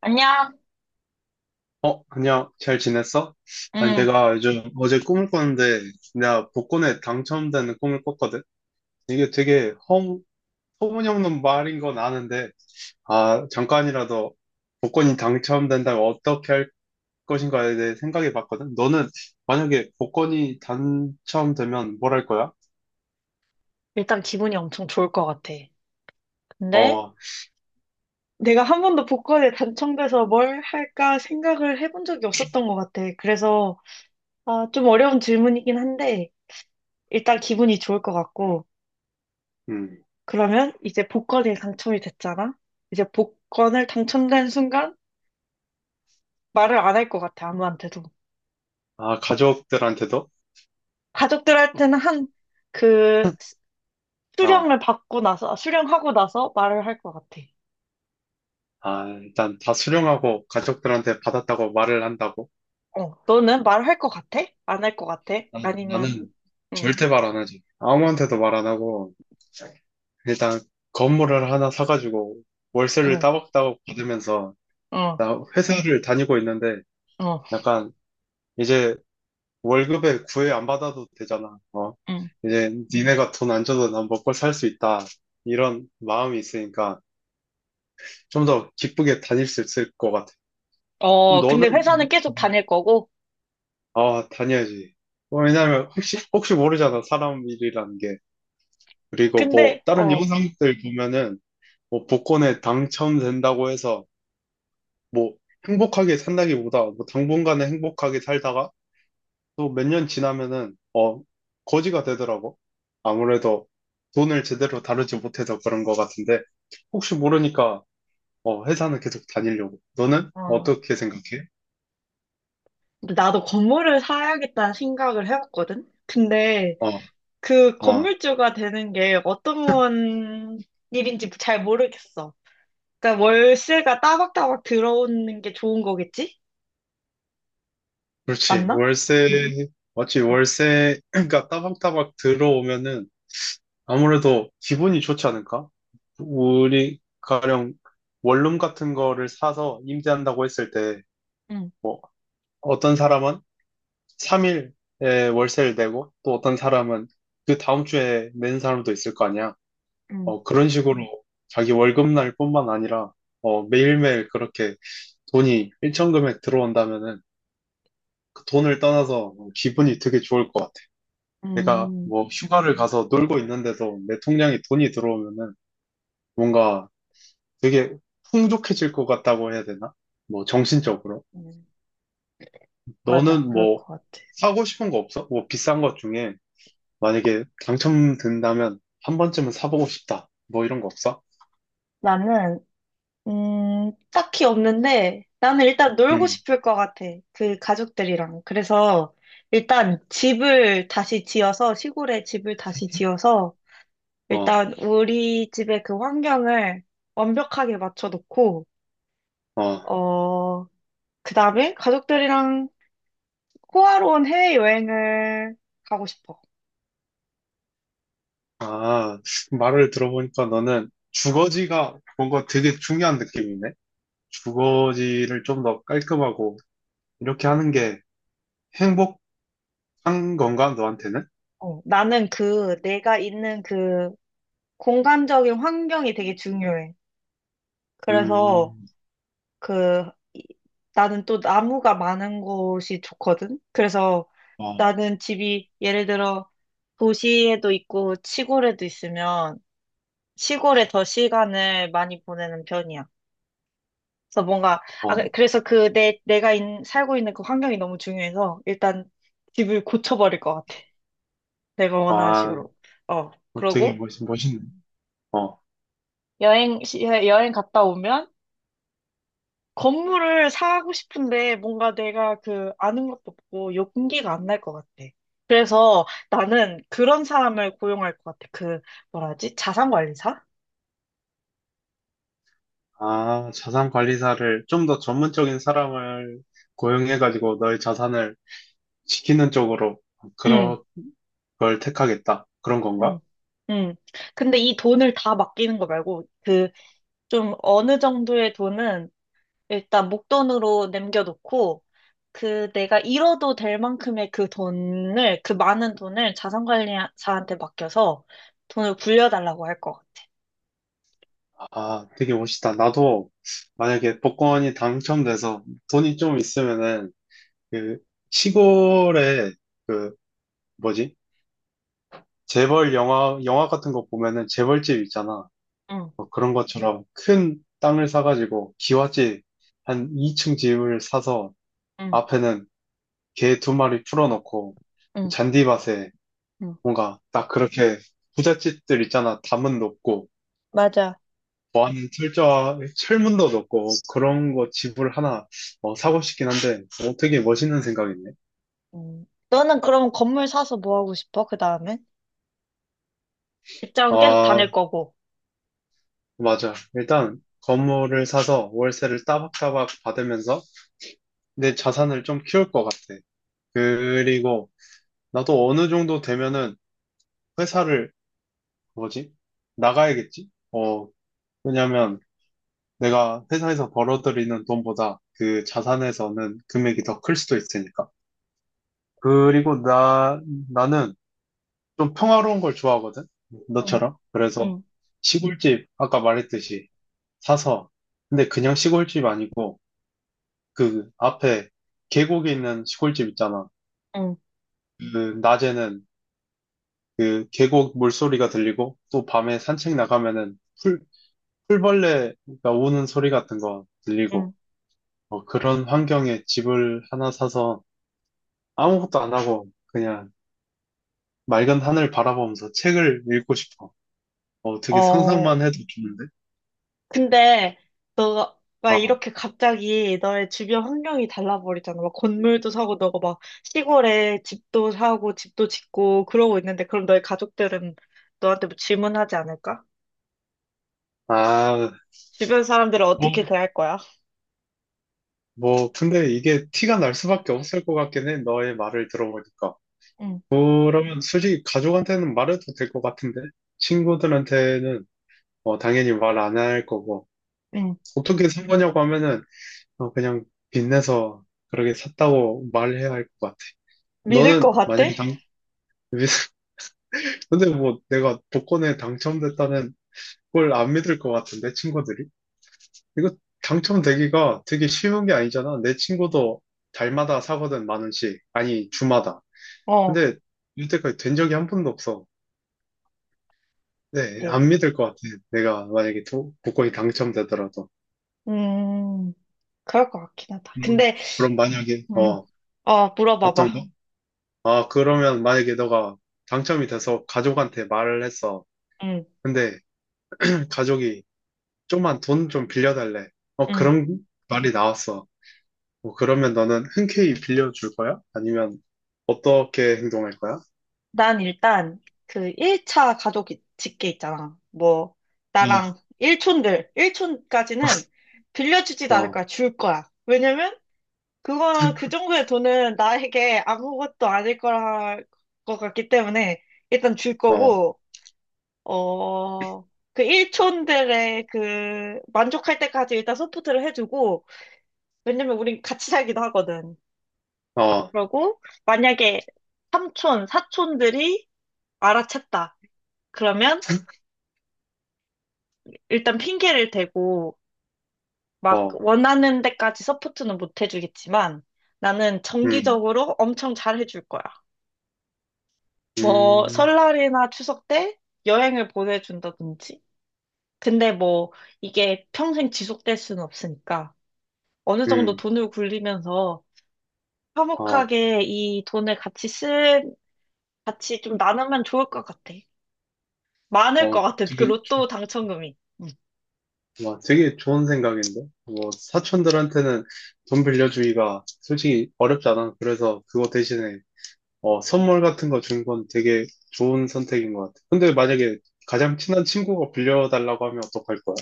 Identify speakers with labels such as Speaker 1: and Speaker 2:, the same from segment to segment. Speaker 1: 안녕.
Speaker 2: 어, 안녕. 잘 지냈어? 아니,
Speaker 1: 응,
Speaker 2: 내가 요즘 어제 꿈을 꿨는데, 내가 복권에 당첨되는 꿈을 꿨거든? 이게 되게 터무니없는 말인 건 아는데, 아, 잠깐이라도 복권이 당첨된다면 어떻게 할 것인가에 대해 생각해 봤거든? 너는 만약에 복권이 당첨되면 뭘 할 거야?
Speaker 1: 일단 기분이 엄청 좋을 것 같아. 근데,
Speaker 2: 어.
Speaker 1: 내가 한 번도 복권에 당첨돼서 뭘 할까 생각을 해본 적이 없었던 것 같아. 그래서 아, 좀 어려운 질문이긴 한데 일단 기분이 좋을 것 같고,
Speaker 2: 음.
Speaker 1: 그러면 이제 복권에 당첨이 됐잖아. 이제 복권을 당첨된 순간 말을 안 할 것 같아, 아무한테도.
Speaker 2: 아, 가족들한테도?
Speaker 1: 가족들한테는 한 그
Speaker 2: 아,
Speaker 1: 수령을 받고 나서, 수령하고 나서 말을 할 것 같아.
Speaker 2: 아, 일단 다 수령하고 가족들한테 받았다고 말을 한다고?
Speaker 1: 어, 너는 말할 것 같아? 안 할 것 같아?
Speaker 2: 난-
Speaker 1: 아니면,
Speaker 2: 나는
Speaker 1: 응,
Speaker 2: 절대 말 안 하지. 아무한테도 말 안 하고, 일단 건물을 하나 사가지고 월세를
Speaker 1: 응,
Speaker 2: 따박따박 받으면서,
Speaker 1: 어,
Speaker 2: 나 회사를 다니고 있는데,
Speaker 1: 어,
Speaker 2: 약간 이제 월급에 구애 안 받아도 되잖아. 어?
Speaker 1: 응.
Speaker 2: 이제 니네가 돈 안 줘도 난 먹고 살 수 있다. 이런 마음이 있으니까 좀 더 기쁘게 다닐 수 있을 것 같아. 그럼
Speaker 1: 어, 근데
Speaker 2: 너는,
Speaker 1: 회사는 계속 다닐 거고,
Speaker 2: 아, 다녀야지. 뭐, 왜냐면 혹시 모르잖아. 사람 일이라는 게. 그리고 뭐,
Speaker 1: 근데,
Speaker 2: 다른 영상들 보면은, 뭐 복권에 당첨된다고 해서 뭐 행복하게 산다기보다 뭐 당분간은 행복하게 살다가 또 몇 년 지나면은 어 거지가 되더라고. 아무래도 돈을 제대로 다루지 못해서 그런 것 같은데 혹시 모르니까 어 회사는 계속 다니려고. 너는
Speaker 1: 어,
Speaker 2: 어떻게 생각해?
Speaker 1: 나도 건물을 사야겠다는 생각을 해봤거든? 근데
Speaker 2: 어.
Speaker 1: 그
Speaker 2: 어.
Speaker 1: 건물주가 되는 게 어떤 일인지 잘 모르겠어. 그러니까 월세가 따박따박 들어오는 게 좋은 거겠지?
Speaker 2: 그렇지.
Speaker 1: 맞나?
Speaker 2: 월세 맞지?
Speaker 1: 응,
Speaker 2: 월세가 따박따박 들어오면은 아무래도 기분이 좋지 않을까? 우리 가령 원룸 같은 거를 사서 임대한다고 했을 때,
Speaker 1: 응,
Speaker 2: 뭐, 어떤 사람은 3일에 월세를 내고, 또 어떤 사람은 그 다음 주에 낸 사람도 있을 거 아니야.
Speaker 1: 응.
Speaker 2: 어, 그런 식으로 자기 월급날 뿐만 아니라, 어, 매일매일 그렇게 돈이 일정 금액 들어온다면은, 그 돈을 떠나서 기분이 되게 좋을 것 같아. 내가
Speaker 1: 응,
Speaker 2: 뭐 휴가를 가서 놀고 있는데도 내 통장에 돈이 들어오면은 뭔가 되게 풍족해질 것 같다고 해야 되나? 뭐 정신적으로.
Speaker 1: 응. 맞아,
Speaker 2: 너는
Speaker 1: 그럴
Speaker 2: 뭐
Speaker 1: 것 같아.
Speaker 2: 사고 싶은 거 없어? 뭐 비싼 것 중에 만약에 당첨된다면 한 번쯤은 사보고 싶다. 뭐 이런 거 없어?
Speaker 1: 나는 딱히 없는데, 나는 일단 놀고
Speaker 2: 응.
Speaker 1: 싶을 것 같아. 그 가족들이랑. 그래서 일단 집을 다시 지어서, 시골에 집을 다시 지어서
Speaker 2: 어.
Speaker 1: 일단 우리 집의 그 환경을 완벽하게 맞춰놓고,
Speaker 2: 어.
Speaker 1: 어, 그다음에 가족들이랑 호화로운 해외여행을 가고 싶어.
Speaker 2: 아, 말을 들어보니까 너는 주거지가 뭔가 되게 중요한 느낌이네. 주거지를 좀 더 깔끔하고 이렇게 하는 게 행복한 건가, 너한테는?
Speaker 1: 어, 나는 그 내가 있는 그 공간적인 환경이 되게 중요해. 그래서
Speaker 2: 음.
Speaker 1: 그, 나는 또 나무가 많은 곳이 좋거든? 그래서
Speaker 2: 어.
Speaker 1: 나는 집이 예를 들어 도시에도 있고 시골에도 있으면 시골에 더 시간을 많이 보내는 편이야. 그래서 뭔가, 아,
Speaker 2: 어.
Speaker 1: 그래서 그 내가 살고 있는 그 환경이 너무 중요해서 일단 집을 고쳐버릴 것 같아. 내가 원하는
Speaker 2: 아,
Speaker 1: 식으로. 어,
Speaker 2: 되게
Speaker 1: 그러고
Speaker 2: 멋있네. 어.
Speaker 1: 여행 갔다 오면 건물을 사고 싶은데 뭔가 내가 그 아는 것도 없고 용기가 안 날 것 같아. 그래서 나는 그런 사람을 고용할 것 같아. 그 뭐라 하지? 자산관리사?
Speaker 2: 아, 자산 관리사를 좀 더 전문적인 사람을 고용해가지고 너의 자산을 지키는 쪽으로
Speaker 1: 응,
Speaker 2: 그런 걸 택하겠다. 그런 건가?
Speaker 1: 응, 응. 근데 이 돈을 다 맡기는 거 말고, 그 좀 어느 정도의 돈은 일단 목돈으로 남겨놓고, 그 내가 잃어도 될 만큼의 그 돈을, 그 많은 돈을 자산관리사한테 맡겨서 돈을 굴려달라고 할 것 같아.
Speaker 2: 아, 되게 멋있다. 나도 만약에 복권이 당첨돼서 돈이 좀 있으면은 그 시골에 그 뭐지? 재벌 영화 같은 거 보면은 재벌집 있잖아.
Speaker 1: 응,
Speaker 2: 뭐 그런 것처럼 큰 땅을 사가지고 기와집 한 2층 집을 사서
Speaker 1: 응,
Speaker 2: 앞에는 개 두 마리 풀어놓고
Speaker 1: 응.
Speaker 2: 잔디 맛에
Speaker 1: 응.
Speaker 2: 뭔가 딱 그렇게 부잣집들 있잖아. 담은 높고
Speaker 1: 맞아.
Speaker 2: 보안 철저 철문도 높고 그런 거 집을 하나 어, 사고 싶긴 한데 어, 되게 멋있는 생각이네.
Speaker 1: 음. 너는 그럼 건물 사서 뭐 하고 싶어? 그 다음에? 직장은 계속 다닐
Speaker 2: 아
Speaker 1: 거고.
Speaker 2: 맞아. 일단 건물을 사서 월세를 따박따박 받으면서 내 자산을 좀 키울 것 같아. 그리고 나도 어느 정도 되면은 회사를 뭐지? 나가야겠지? 어 왜냐면 내가 회사에서 벌어들이는 돈보다 그 자산에서는 금액이 더 클 수도 있으니까. 그리고 나는 좀 평화로운 걸 좋아하거든?
Speaker 1: 응,
Speaker 2: 너처럼. 그래서
Speaker 1: 응,
Speaker 2: 시골집, 아까 말했듯이 사서, 근데 그냥 시골집 아니고 그 앞에 계곡에 있는 시골집 있잖아.
Speaker 1: 응,
Speaker 2: 그 낮에는 그 계곡 물소리가 들리고 또 밤에 산책 나가면은 풀, 풀벌레가 우는 소리 같은 거
Speaker 1: 응.
Speaker 2: 들리고 어, 그런 환경에 집을 하나 사서 아무것도 안 하고 그냥 맑은 하늘 바라보면서 책을 읽고 싶어. 어, 되게 상상만
Speaker 1: 어.
Speaker 2: 해도 좋은데?
Speaker 1: 근데 너가
Speaker 2: 어.
Speaker 1: 이렇게 갑자기 너의 주변 환경이 달라버리잖아. 막 건물도 사고, 너가 막 시골에 집도 사고 집도 짓고 그러고 있는데, 그럼 너의 가족들은 너한테 뭐 질문하지 않을까?
Speaker 2: 아,
Speaker 1: 주변 사람들은 어떻게
Speaker 2: 뭐,
Speaker 1: 대할 거야?
Speaker 2: 뭐, 근데 이게 티가 날 수밖에 없을 것 같긴 해. 너의 말을 들어보니까.
Speaker 1: 응,
Speaker 2: 그러면 솔직히 가족한테는 말해도 될 것 같은데? 친구들한테는 어, 당연히 말 안 할 거고.
Speaker 1: 응.
Speaker 2: 어떻게 산 거냐고 하면은 어, 그냥 빚내서 그렇게 샀다고 말해야 할 것 같아.
Speaker 1: 믿을
Speaker 2: 너는
Speaker 1: 것 같아?
Speaker 2: 만약에 근데 뭐 내가 복권에 당첨됐다는 그걸 안 믿을 것 같은데, 친구들이? 이거 당첨되기가 되게 쉬운 게 아니잖아. 내 친구도 달마다 사거든, 10,000원씩. 아니, 주마다.
Speaker 1: 어,
Speaker 2: 근데 이때까지 된 적이 한 번도 없어. 네,
Speaker 1: 네.
Speaker 2: 안 믿을 것 같아. 내가 만약에 복권이 당첨되더라도.
Speaker 1: 음, 그럴 것 같긴 하다.
Speaker 2: 음,
Speaker 1: 근데
Speaker 2: 그럼 만약에,
Speaker 1: 응.
Speaker 2: 어,
Speaker 1: 어,
Speaker 2: 어떤
Speaker 1: 물어봐봐.
Speaker 2: 거? 아, 그러면 만약에 너가 당첨이 돼서 가족한테 말을 했어.
Speaker 1: 응,
Speaker 2: 근데 가족이 좀만 돈 좀 빌려달래. 어,
Speaker 1: 응.
Speaker 2: 그런 말이 나왔어. 뭐 그러면 너는 흔쾌히 빌려줄 거야? 아니면 어떻게 행동할 거야?
Speaker 1: 난 일단 그 1차 가족 집계 있잖아. 뭐, 나랑 일촌들, 일촌까지는 빌려주지도
Speaker 2: 어.
Speaker 1: 않을
Speaker 2: 어.
Speaker 1: 거야. 줄 거야. 왜냐면, 그거, 그 정도의 돈은 나에게 아무것도 아닐 거라, 것 같기 때문에 일단 줄
Speaker 2: 어.
Speaker 1: 거고, 어, 그 일촌들의 그 만족할 때까지 일단 서포트를 해주고, 왜냐면 우린 같이 살기도 하거든.
Speaker 2: 어.
Speaker 1: 그러고 만약에 삼촌, 사촌들이 알아챘다. 그러면 일단 핑계를 대고, 막
Speaker 2: 어.
Speaker 1: 원하는 데까지 서포트는 못 해주겠지만 나는
Speaker 2: 음.
Speaker 1: 정기적으로 엄청 잘 해줄 거야. 뭐
Speaker 2: 음.
Speaker 1: 설날이나 추석 때 여행을 보내준다든지. 근데 뭐 이게 평생 지속될 수는 없으니까 어느 정도
Speaker 2: 음.
Speaker 1: 돈을 굴리면서
Speaker 2: 어.
Speaker 1: 화목하게 이 돈을 같이 쓴, 같이 좀 나누면 좋을 것 같아. 많을 것
Speaker 2: 어.
Speaker 1: 같아. 그
Speaker 2: 되게, 좋-
Speaker 1: 로또 당첨금이. 응.
Speaker 2: 와, 되게 좋은 생각인데? 뭐, 사촌들한테는 돈 빌려주기가 솔직히 어렵지 않아. 그래서 그거 대신에, 어, 선물 같은 거 준 건 되게 좋은 선택인 것 같아. 근데 만약에 가장 친한 친구가 빌려달라고 하면 어떡할 거야?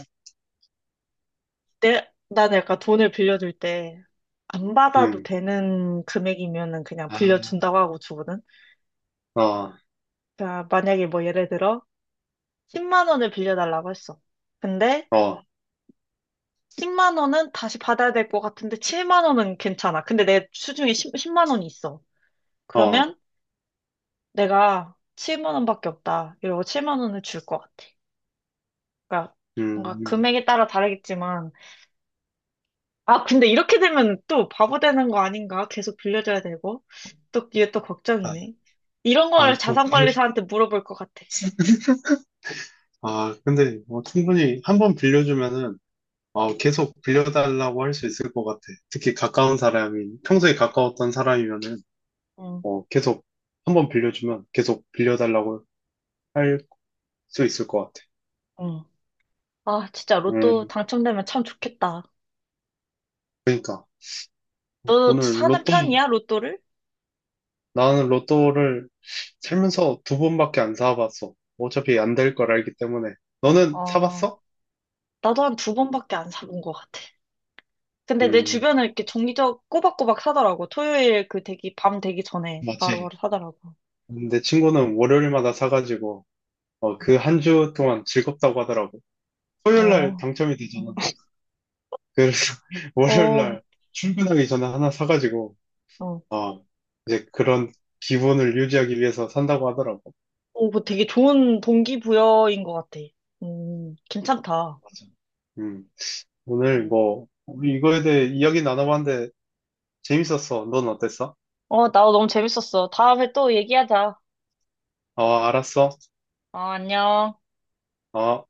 Speaker 1: 나는 약간 돈을 빌려줄 때 안 받아도
Speaker 2: 음.
Speaker 1: 되는 금액이면은 그냥
Speaker 2: 아.
Speaker 1: 빌려준다고 하고 주거든.
Speaker 2: 어.
Speaker 1: 그러니까 만약에 뭐 예를 들어 10만 원을 빌려달라고 했어. 근데
Speaker 2: 어.
Speaker 1: 10만 원은 다시 받아야 될 것 같은데 7만 원은 괜찮아. 근데 내 수중에 10, 만 원이 있어.
Speaker 2: 어.
Speaker 1: 그러면 내가 7만 원밖에 없다. 이러고 7만 원을 줄 것 같아. 그러니까 뭔가
Speaker 2: 음.
Speaker 1: 금액에 따라 다르겠지만 아, 근데 이렇게 되면 또 바보 되는 거 아닌가? 계속 빌려줘야 되고. 또, 이게 또
Speaker 2: 아.
Speaker 1: 걱정이네. 이런
Speaker 2: 아.
Speaker 1: 걸
Speaker 2: 저
Speaker 1: 자산관리사한테 물어볼 것 같아.
Speaker 2: 아, 근데 뭐 충분히 한 번 빌려주면은 어, 계속 빌려달라고 할 수 있을 것 같아. 특히 가까운 사람이, 평소에 가까웠던 사람이면은
Speaker 1: 응,
Speaker 2: 어, 계속 한 번 빌려주면 계속 빌려달라고 할 수 있을 것 같아.
Speaker 1: 응. 아, 진짜 로또
Speaker 2: 음,
Speaker 1: 당첨되면 참 좋겠다.
Speaker 2: 그러니까
Speaker 1: 너
Speaker 2: 오늘
Speaker 1: 사는
Speaker 2: 로또,
Speaker 1: 편이야, 로또를?
Speaker 2: 나는 로또를 살면서 두 번밖에 안 사봤어. 어차피 안 될 걸 알기 때문에. 너는
Speaker 1: 어,
Speaker 2: 사봤어?
Speaker 1: 나도 한 두 번밖에 안 사본 것 같아. 근데 내
Speaker 2: 음,
Speaker 1: 주변은 이렇게 정기적 꼬박꼬박 사더라고. 토요일 밤 되기 전에
Speaker 2: 맞지.
Speaker 1: 바로바로 사더라고.
Speaker 2: 내 친구는 월요일마다 사가지고 어, 그 한 주 동안 즐겁다고 하더라고. 토요일날
Speaker 1: 어,
Speaker 2: 당첨이 되잖아. 그래서
Speaker 1: 어,
Speaker 2: 월요일날 출근하기 전에 하나 사가지고,
Speaker 1: 어.
Speaker 2: 아, 이제 그런 기분을 유지하기 위해서 산다고 하더라고.
Speaker 1: 오, 뭐 되게 좋은 동기부여인 것 같아. 괜찮다.
Speaker 2: 맞아. 음, 오늘
Speaker 1: 네.
Speaker 2: 뭐, 우리 이거에 대해 이야기 나눠봤는데 재밌었어. 넌 어땠어?
Speaker 1: 어, 나도 너무 재밌었어. 다음에 또 얘기하자.
Speaker 2: 아, 알았어.
Speaker 1: 어, 안녕.
Speaker 2: 아.